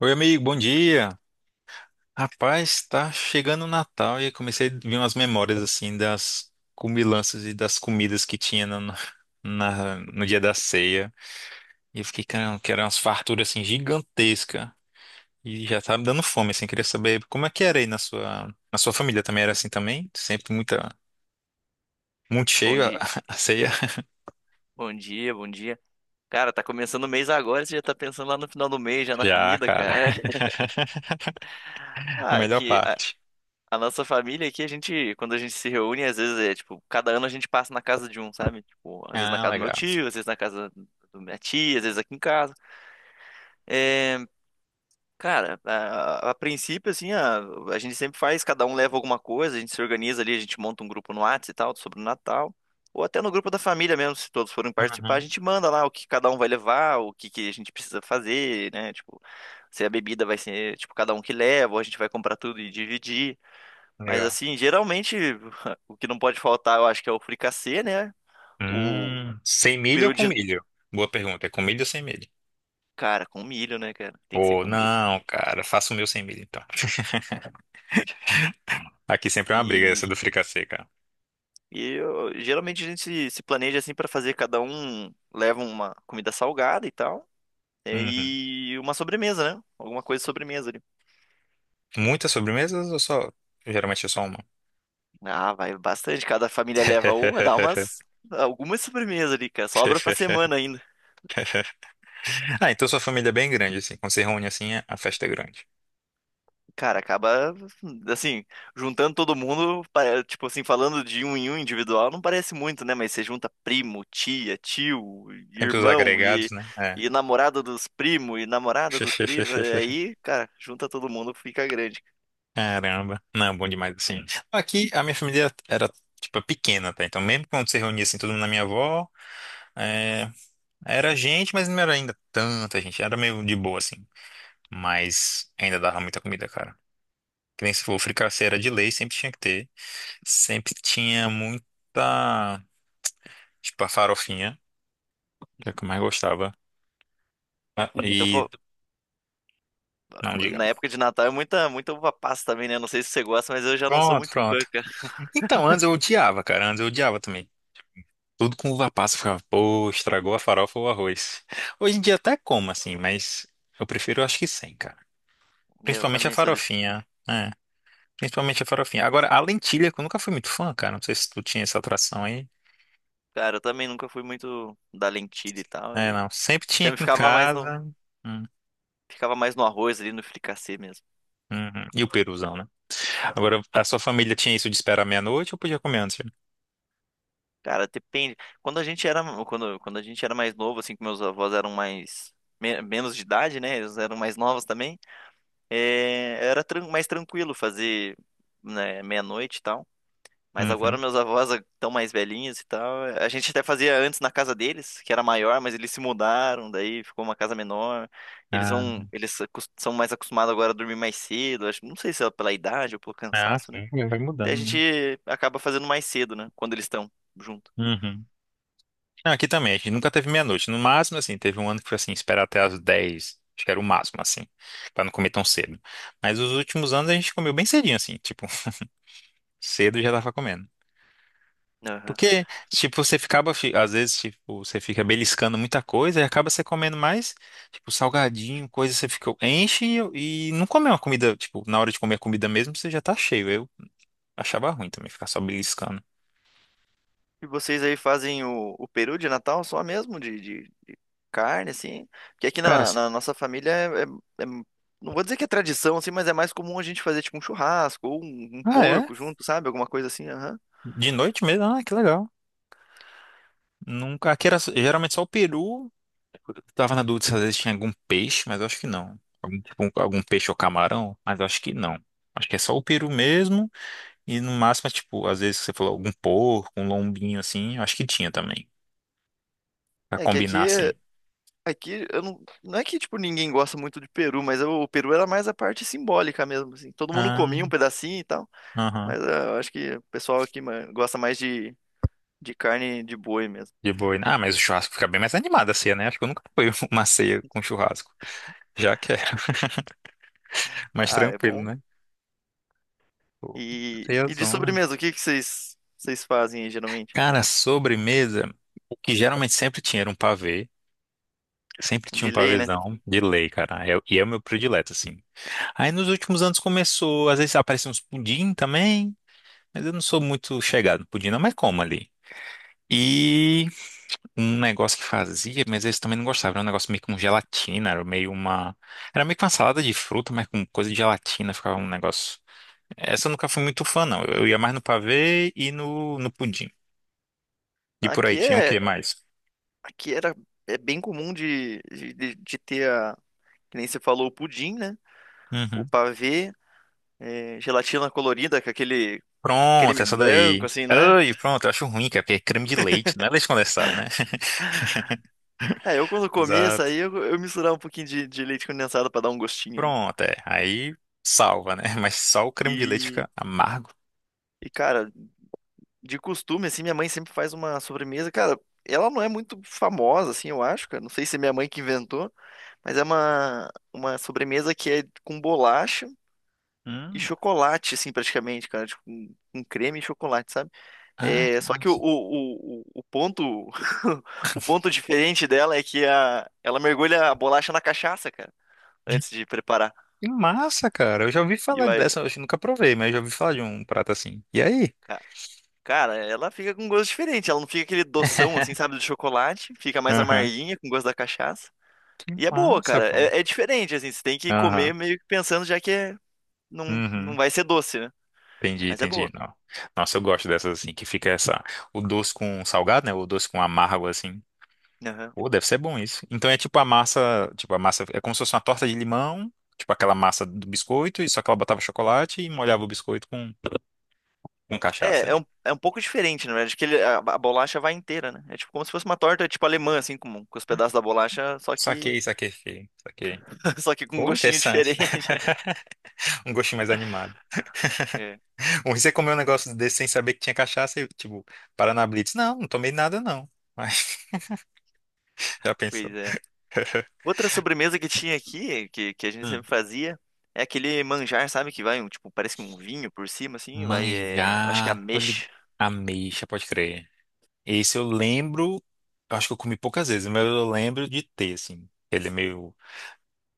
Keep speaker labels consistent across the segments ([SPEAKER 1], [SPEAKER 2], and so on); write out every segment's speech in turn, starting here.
[SPEAKER 1] Oi, amigo, bom dia. Rapaz, tá chegando o Natal e comecei a vir umas memórias assim das comilanças e das comidas que tinha no dia da ceia. E eu fiquei, caramba, que eram umas farturas assim gigantescas. E já tava me dando fome, assim, queria saber como é que era aí na sua família também era assim também? Sempre muita, muito
[SPEAKER 2] Bom
[SPEAKER 1] cheio a,
[SPEAKER 2] dia,
[SPEAKER 1] a ceia?
[SPEAKER 2] bom dia, bom dia. Cara, tá começando o mês agora, e você já tá pensando lá no final do mês, já na
[SPEAKER 1] Já,
[SPEAKER 2] comida, cara.
[SPEAKER 1] cara. A
[SPEAKER 2] Ah,
[SPEAKER 1] melhor
[SPEAKER 2] que a,
[SPEAKER 1] parte.
[SPEAKER 2] a nossa família aqui, a gente, quando a gente se reúne, às vezes é tipo, cada ano a gente passa na casa de um, sabe? Tipo, às vezes na
[SPEAKER 1] Ah,
[SPEAKER 2] casa do meu
[SPEAKER 1] legal.
[SPEAKER 2] tio, às vezes na casa da minha tia, às vezes aqui em casa. É, cara, a princípio, assim, a gente sempre faz, cada um leva alguma coisa, a gente se organiza ali, a gente monta um grupo no Whats e tal, sobre o Natal. Ou até no grupo da família mesmo, se todos forem participar, a
[SPEAKER 1] Uhum,
[SPEAKER 2] gente manda lá o que cada um vai levar, que a gente precisa fazer, né? Tipo, se a bebida vai ser, tipo, cada um que leva, ou a gente vai comprar tudo e dividir. Mas,
[SPEAKER 1] legal.
[SPEAKER 2] assim, geralmente, o que não pode faltar, eu acho que é o fricassê, né? O,
[SPEAKER 1] Sem
[SPEAKER 2] o
[SPEAKER 1] milho ou
[SPEAKER 2] peru
[SPEAKER 1] com
[SPEAKER 2] de...
[SPEAKER 1] milho? Boa pergunta. É com milho ou sem milho?
[SPEAKER 2] Cara, com milho, né, cara? Tem que ser
[SPEAKER 1] Ou
[SPEAKER 2] com milho.
[SPEAKER 1] não, cara, faço o meu sem milho então. Aqui sempre é uma briga
[SPEAKER 2] E
[SPEAKER 1] essa do fricassê, cara.
[SPEAKER 2] Geralmente a gente se planeja assim para fazer, cada um leva uma comida salgada e tal,
[SPEAKER 1] Uhum.
[SPEAKER 2] e uma sobremesa, né? Alguma coisa de sobremesa ali.
[SPEAKER 1] Muitas sobremesas ou só? Geralmente é só uma.
[SPEAKER 2] Ah, vai bastante, cada família leva uma, dá umas algumas sobremesas ali, cara, sobra pra semana ainda.
[SPEAKER 1] Ah, então sua família é bem grande, assim. Quando se reúne assim, a festa é grande.
[SPEAKER 2] Cara, acaba assim, juntando todo mundo, tipo assim, falando de um em um individual, não parece muito, né? Mas você junta primo, tia, tio,
[SPEAKER 1] Sempre os
[SPEAKER 2] irmão
[SPEAKER 1] agregados,
[SPEAKER 2] e,
[SPEAKER 1] né? É.
[SPEAKER 2] e namorada dos primos, aí, cara, junta todo mundo, fica grande.
[SPEAKER 1] Caramba. Não, bom demais, assim. Aqui a minha família era, tipo, pequena, tá? Então, mesmo quando se reunia assim, todo mundo na minha avó. é, Era gente, mas não era ainda tanta gente. Era meio de boa, assim. Mas ainda dava muita comida, cara. Que nem se for fricassê era de lei, sempre tinha que ter. Sempre tinha muita. Tipo, a farofinha, que é o que eu mais gostava. Ah,
[SPEAKER 2] Então,
[SPEAKER 1] E.
[SPEAKER 2] fo-
[SPEAKER 1] Não, diga.
[SPEAKER 2] Na época de Natal é muita uva passa também, né? Não sei se você gosta, mas eu já não sou
[SPEAKER 1] Pronto,
[SPEAKER 2] muito fã,
[SPEAKER 1] pronto.
[SPEAKER 2] cara.
[SPEAKER 1] Então, antes eu odiava, cara. Antes eu odiava também. Tudo com uva passa, eu ficava, pô, estragou a farofa ou o arroz. Hoje em dia até como, assim, mas eu prefiro, acho que sem, cara.
[SPEAKER 2] Eu
[SPEAKER 1] Principalmente a
[SPEAKER 2] também sou desse.
[SPEAKER 1] farofinha, né? Principalmente a farofinha. Agora, a lentilha, que eu nunca fui muito fã, cara. Não sei se tu tinha essa atração aí.
[SPEAKER 2] Cara, eu também nunca fui muito da lentilha e tal,
[SPEAKER 1] É,
[SPEAKER 2] e
[SPEAKER 1] não. Sempre tinha
[SPEAKER 2] sempre
[SPEAKER 1] aqui em casa. Hum,
[SPEAKER 2] ficava mais no arroz ali, no fricassê mesmo.
[SPEAKER 1] uhum. E o peruzão, né? Agora, a sua família tinha isso de esperar meia-noite ou podia comer antes? Viu?
[SPEAKER 2] Cara, depende. Quando a gente era mais novo, assim, que meus avós eram mais menos de idade, né? Eles eram mais novos também. É, mais tranquilo fazer, né, meia-noite e tal. Mas agora
[SPEAKER 1] Uhum.
[SPEAKER 2] meus avós estão mais velhinhos e tal. A gente até fazia antes na casa deles, que era maior, mas eles se mudaram, daí ficou uma casa menor. Eles
[SPEAKER 1] Ah,
[SPEAKER 2] vão, são mais acostumados agora a dormir mais cedo. Acho, não sei se é pela idade ou pelo
[SPEAKER 1] ah,
[SPEAKER 2] cansaço, né?
[SPEAKER 1] sim, vai
[SPEAKER 2] Daí a
[SPEAKER 1] mudando, né?
[SPEAKER 2] gente acaba fazendo mais cedo, né? Quando eles estão junto.
[SPEAKER 1] Uhum. Não, aqui também, a gente nunca teve meia-noite. No máximo, assim, teve um ano que foi assim, esperar até as 10. Acho que era o máximo, assim, pra não comer tão cedo. Mas os últimos anos a gente comeu bem cedinho, assim, tipo, cedo já tava comendo.
[SPEAKER 2] Aham.
[SPEAKER 1] Porque, tipo, você ficava, às vezes, tipo, você fica beliscando muita coisa e acaba você comendo mais, tipo, salgadinho, coisa, você fica, enche e não come uma comida, tipo, na hora de comer a comida mesmo, você já tá cheio. Eu achava ruim também ficar só beliscando.
[SPEAKER 2] E vocês aí fazem o peru de Natal só mesmo, de carne, assim? Porque aqui
[SPEAKER 1] Cara,
[SPEAKER 2] na nossa família é- não vou dizer que é tradição, assim, mas é mais comum a gente fazer, tipo, um churrasco ou um
[SPEAKER 1] ah, é?
[SPEAKER 2] porco junto, sabe? Alguma coisa assim, aham.
[SPEAKER 1] De noite mesmo? Ah, que legal. Nunca, aqui era geralmente só o peru. Tava na dúvida se às vezes tinha algum peixe, mas eu acho que não. Algum, tipo, algum peixe ou camarão, mas eu acho que não. Acho que é só o peru mesmo. E no máximo, é, tipo, às vezes você falou algum porco, um lombinho assim, eu acho que tinha também. Pra
[SPEAKER 2] É que
[SPEAKER 1] combinar
[SPEAKER 2] aqui...
[SPEAKER 1] assim.
[SPEAKER 2] é- Aqui, eu não... Não é que, tipo, ninguém gosta muito de peru, mas o peru era mais a parte simbólica mesmo, assim. Todo mundo
[SPEAKER 1] Ah,
[SPEAKER 2] comia um pedacinho e tal,
[SPEAKER 1] aham.
[SPEAKER 2] mas ah, eu acho que o pessoal aqui ma- gosta mais de carne de boi mesmo.
[SPEAKER 1] De boi, né? Ah, mas o churrasco fica bem mais animado a ceia, né? Acho que eu nunca fui uma ceia com churrasco. Já quero. Mais
[SPEAKER 2] Ah, é
[SPEAKER 1] tranquilo,
[SPEAKER 2] bom.
[SPEAKER 1] né? Pô, ceia
[SPEAKER 2] E de
[SPEAKER 1] zona.
[SPEAKER 2] sobremesa, o que que vocês fazem aí, geralmente?
[SPEAKER 1] Cara, sobremesa, o que geralmente sempre tinha era um pavê. Sempre tinha
[SPEAKER 2] De
[SPEAKER 1] um
[SPEAKER 2] lei, né?
[SPEAKER 1] pavêzão de lei, cara. E é o meu predileto, assim. Aí nos últimos anos começou, às vezes apareciam uns pudim também, mas eu não sou muito chegado no pudim, não, mas como ali. E um negócio que fazia, mas eles também não gostavam. Era um negócio meio com gelatina, era meio uma. Era meio que uma salada de fruta, mas com coisa de gelatina, ficava um negócio. Essa eu nunca fui muito fã, não. Eu ia mais no pavê e no, no pudim. E por aí
[SPEAKER 2] Aqui
[SPEAKER 1] tinha o
[SPEAKER 2] é
[SPEAKER 1] que mais?
[SPEAKER 2] aqui era é bem comum de, de ter a, que nem você falou, o pudim, né? O
[SPEAKER 1] Uhum.
[SPEAKER 2] pavê, é, gelatina colorida com aquele
[SPEAKER 1] Pronto,
[SPEAKER 2] creme
[SPEAKER 1] essa
[SPEAKER 2] branco
[SPEAKER 1] daí.
[SPEAKER 2] assim, não é?
[SPEAKER 1] Ai, pronto, eu acho ruim, cara, porque é creme de leite, não é leite condensado, né?
[SPEAKER 2] É, eu quando comia isso
[SPEAKER 1] Exato.
[SPEAKER 2] aí, eu misturava um pouquinho de leite condensado pra dar um gostinho, né?
[SPEAKER 1] Pronto, é. Aí salva, né? Mas só o creme de leite
[SPEAKER 2] E,
[SPEAKER 1] fica amargo.
[SPEAKER 2] e cara, de costume assim, minha mãe sempre faz uma sobremesa, cara, ela não é muito famosa assim, eu acho, cara, não sei se é minha mãe que inventou, mas é uma sobremesa que é com bolacha e
[SPEAKER 1] Hum.
[SPEAKER 2] chocolate, assim, praticamente, cara. Tipo, com creme e chocolate, sabe?
[SPEAKER 1] Ah,
[SPEAKER 2] É,
[SPEAKER 1] que
[SPEAKER 2] só que
[SPEAKER 1] massa.
[SPEAKER 2] o ponto o ponto diferente dela é que a, ela mergulha a bolacha na cachaça, cara, antes de preparar.
[SPEAKER 1] Que massa, cara. Eu já ouvi
[SPEAKER 2] E
[SPEAKER 1] falar
[SPEAKER 2] vai.
[SPEAKER 1] dessa, eu acho que nunca provei, mas eu já ouvi falar de um prato assim. E aí?
[SPEAKER 2] ca- Cara, ela fica com gosto diferente. Ela não fica aquele doção, assim, sabe, do chocolate. Fica mais
[SPEAKER 1] Aham.
[SPEAKER 2] amarguinha, com gosto da cachaça.
[SPEAKER 1] Que
[SPEAKER 2] E é boa,
[SPEAKER 1] massa,
[SPEAKER 2] cara.
[SPEAKER 1] pô.
[SPEAKER 2] É, é diferente, assim. Você tem que
[SPEAKER 1] Aham.
[SPEAKER 2] comer meio que pensando já que é, não, não
[SPEAKER 1] Uhum.
[SPEAKER 2] vai ser doce, né?
[SPEAKER 1] Entendi,
[SPEAKER 2] Mas é
[SPEAKER 1] entendi.
[SPEAKER 2] boa.
[SPEAKER 1] Não. Nossa, eu gosto dessas assim, que fica essa, o doce com salgado, né? O doce com amargo, assim.
[SPEAKER 2] Aham.
[SPEAKER 1] Pô, deve ser bom isso. Então é tipo a massa, é como se fosse uma torta de limão, tipo aquela massa do biscoito, e só que ela botava chocolate e molhava o biscoito com cachaça,
[SPEAKER 2] É,
[SPEAKER 1] né?
[SPEAKER 2] é um pouco diferente, na verdade, a bolacha vai inteira, né? É tipo como se fosse uma torta, tipo alemã, assim, com os pedaços da bolacha, só que,
[SPEAKER 1] Saquei, saquei, saquei, saquei.
[SPEAKER 2] só que com um
[SPEAKER 1] Pô,
[SPEAKER 2] gostinho
[SPEAKER 1] interessante.
[SPEAKER 2] diferente.
[SPEAKER 1] Um gostinho mais animado.
[SPEAKER 2] É,
[SPEAKER 1] Ou você comeu um negócio desse sem saber que tinha cachaça e, tipo, Paraná Blitz. Não, não tomei nada não. Mas já pensou.
[SPEAKER 2] pois é. Outra sobremesa que tinha aqui, que a gente
[SPEAKER 1] Hum.
[SPEAKER 2] sempre fazia, é aquele manjar, sabe? Que vai, um, tipo, parece um vinho por cima, assim, vai, é, eu acho que é
[SPEAKER 1] Manjar,
[SPEAKER 2] ameixa.
[SPEAKER 1] ameixa, pode crer. Esse eu lembro, eu acho que eu comi poucas vezes, mas eu lembro de ter, assim. Ele é meio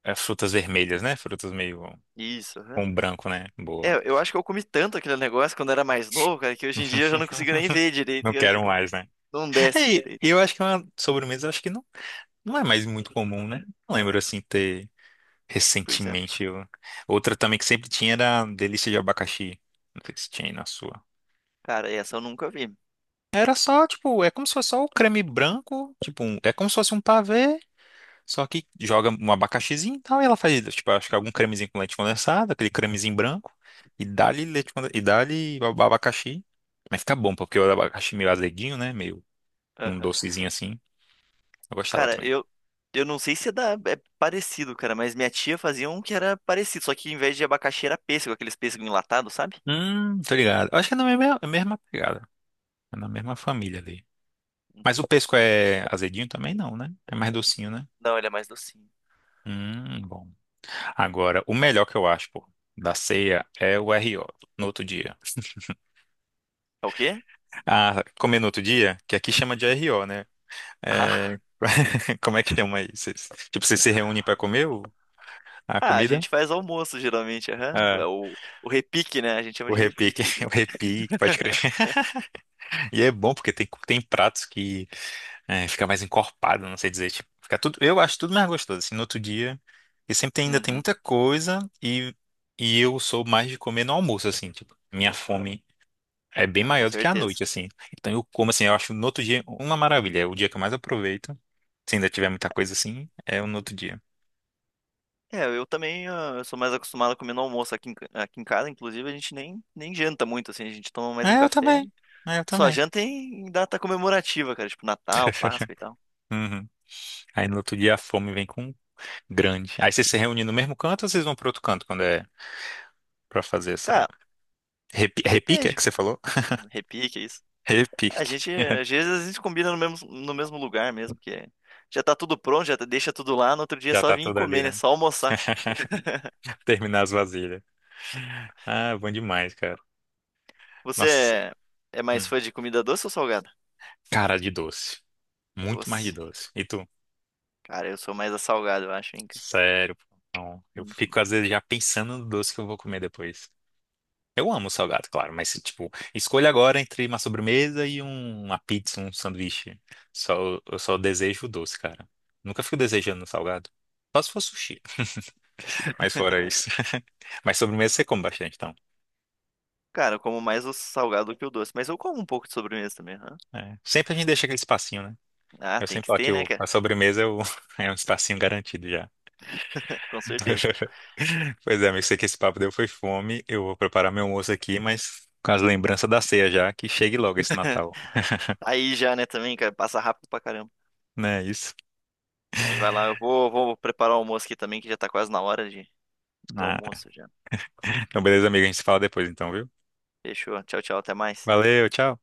[SPEAKER 1] as frutas vermelhas, né? Frutas meio
[SPEAKER 2] Isso, aham.
[SPEAKER 1] com branco, né? Boa.
[SPEAKER 2] É, eu acho que eu comi tanto aquele negócio quando era mais novo, cara, que hoje em dia eu já não consigo nem ver direito,
[SPEAKER 1] Não
[SPEAKER 2] cara, que
[SPEAKER 1] quero
[SPEAKER 2] não,
[SPEAKER 1] mais, né?
[SPEAKER 2] não desce
[SPEAKER 1] É,
[SPEAKER 2] direito.
[SPEAKER 1] e eu acho que é uma sobremesa, acho que não, não é mais muito comum, né? Não lembro assim ter
[SPEAKER 2] Pois é.
[SPEAKER 1] recentemente. Outra também que sempre tinha era a delícia de abacaxi. Não sei se tinha aí na sua.
[SPEAKER 2] Cara, essa eu nunca vi.
[SPEAKER 1] Era só, tipo, é como se fosse só o creme branco, tipo, é como se fosse um pavê. Só que joga um abacaxizinho e tal, e ela faz, tipo, acho que algum cremezinho com leite condensado, aquele cremezinho branco, e dá-lhe leite condensado, e dá-lhe o abacaxi. Mas fica bom, porque o abacaxi meio azeduinho, né? Meio um
[SPEAKER 2] Aham.
[SPEAKER 1] docezinho assim. Eu gostava
[SPEAKER 2] Cara,
[SPEAKER 1] também.
[SPEAKER 2] eu não sei se é, da, é parecido, cara, mas minha tia fazia um que era parecido, só que em vez de abacaxi era pêssego, aqueles pêssego enlatado, sabe?
[SPEAKER 1] Tô ligado. Eu acho que é na mesma, mesma pegada. É na mesma família ali. Mas o pesco é azedinho também não, né? É mais docinho, né?
[SPEAKER 2] Não, ele é mais docinho.
[SPEAKER 1] Bom. Agora, o melhor que eu acho, pô, da ceia é o RO, no outro dia.
[SPEAKER 2] É o quê?
[SPEAKER 1] Ah, comer no outro dia, que aqui chama de RO, né? É,
[SPEAKER 2] Ah,
[SPEAKER 1] como é que chama aí? Vocês- tipo, vocês se reúnem pra comer a
[SPEAKER 2] ah, a
[SPEAKER 1] comida?
[SPEAKER 2] gente faz almoço geralmente, aham.
[SPEAKER 1] Ah,
[SPEAKER 2] O repique, né? A gente chama
[SPEAKER 1] o
[SPEAKER 2] de
[SPEAKER 1] repique,
[SPEAKER 2] repique
[SPEAKER 1] o
[SPEAKER 2] aqui.
[SPEAKER 1] repique, pode crer. E é bom porque tem, tem pratos que é, fica mais encorpado, não sei dizer. Tipo, fica tudo, eu acho tudo mais gostoso. Assim, no outro dia, e sempre ainda tem
[SPEAKER 2] Uhum.
[SPEAKER 1] muita coisa e eu sou mais de comer no almoço, assim, tipo, minha fome é bem
[SPEAKER 2] Ah, com
[SPEAKER 1] maior do que à
[SPEAKER 2] certeza.
[SPEAKER 1] noite, assim. Então eu como, assim, eu acho no outro dia uma maravilha. É o dia que eu mais aproveito. Se ainda tiver muita coisa assim, é o no outro dia.
[SPEAKER 2] É, eu também ah, eu sou mais acostumado a comer no almoço aqui aqui em casa, inclusive a gente nem janta muito, assim, a gente toma mais um
[SPEAKER 1] É, eu
[SPEAKER 2] café.
[SPEAKER 1] também. É, eu
[SPEAKER 2] Só
[SPEAKER 1] também.
[SPEAKER 2] janta em data comemorativa, cara, tipo Natal, Páscoa e tal.
[SPEAKER 1] Uhum. Aí no outro dia a fome vem com grande. Aí vocês se reúnem no mesmo canto ou vocês vão para outro canto quando é para fazer essa
[SPEAKER 2] Cara,
[SPEAKER 1] repique, é
[SPEAKER 2] depende.
[SPEAKER 1] que você falou?
[SPEAKER 2] Repique, é isso. A
[SPEAKER 1] Repique.
[SPEAKER 2] gente, às vezes a gente combina no mesmo, no mesmo lugar mesmo. Já tá tudo pronto, deixa tudo lá, no outro dia é
[SPEAKER 1] Já
[SPEAKER 2] só
[SPEAKER 1] tá
[SPEAKER 2] vir e
[SPEAKER 1] tudo ali,
[SPEAKER 2] comer, né?
[SPEAKER 1] né?
[SPEAKER 2] Só almoçar.
[SPEAKER 1] Terminar as vasilhas. Ah, bom demais, cara.
[SPEAKER 2] Você
[SPEAKER 1] Nossa,
[SPEAKER 2] é, é mais
[SPEAKER 1] hum.
[SPEAKER 2] fã de comida doce ou salgada?
[SPEAKER 1] Cara de doce. Muito mais de
[SPEAKER 2] Doce.
[SPEAKER 1] doce. E tu?
[SPEAKER 2] Cara, eu sou mais a salgada, eu acho, hein, cara.
[SPEAKER 1] Sério, pô. Não. Eu
[SPEAKER 2] Hum.
[SPEAKER 1] fico às vezes já pensando no doce que eu vou comer depois. Eu amo salgado, claro, mas tipo, escolha agora entre uma sobremesa e uma pizza, um sanduíche. Só, eu só desejo o doce, cara. Nunca fico desejando salgado. Só se for sushi, mas fora isso. Mas sobremesa você come bastante, então.
[SPEAKER 2] Cara, eu como mais o salgado do que o doce, mas eu como um pouco de sobremesa também, aham.
[SPEAKER 1] É. Sempre a gente deixa aquele espacinho, né?
[SPEAKER 2] Ah,
[SPEAKER 1] Eu
[SPEAKER 2] tem
[SPEAKER 1] sempre
[SPEAKER 2] que
[SPEAKER 1] falo
[SPEAKER 2] ter,
[SPEAKER 1] que
[SPEAKER 2] né, cara?
[SPEAKER 1] a sobremesa é, é um espacinho garantido já.
[SPEAKER 2] Com certeza.
[SPEAKER 1] Pois é, amigo, sei que esse papo deu foi fome. Eu vou preparar meu almoço aqui, mas com as lembranças da ceia já, que chegue logo esse Natal.
[SPEAKER 2] Aí já, né, também, cara, passa rápido pra caramba.
[SPEAKER 1] Não é isso?
[SPEAKER 2] Mas vai lá, eu vou, vou preparar o almoço aqui também, que já tá quase na hora de, do
[SPEAKER 1] Ah,
[SPEAKER 2] almoço já.
[SPEAKER 1] então, beleza, amigo, a gente se fala depois, então, viu?
[SPEAKER 2] Fechou. Tchau, tchau, até mais.
[SPEAKER 1] Valeu, tchau.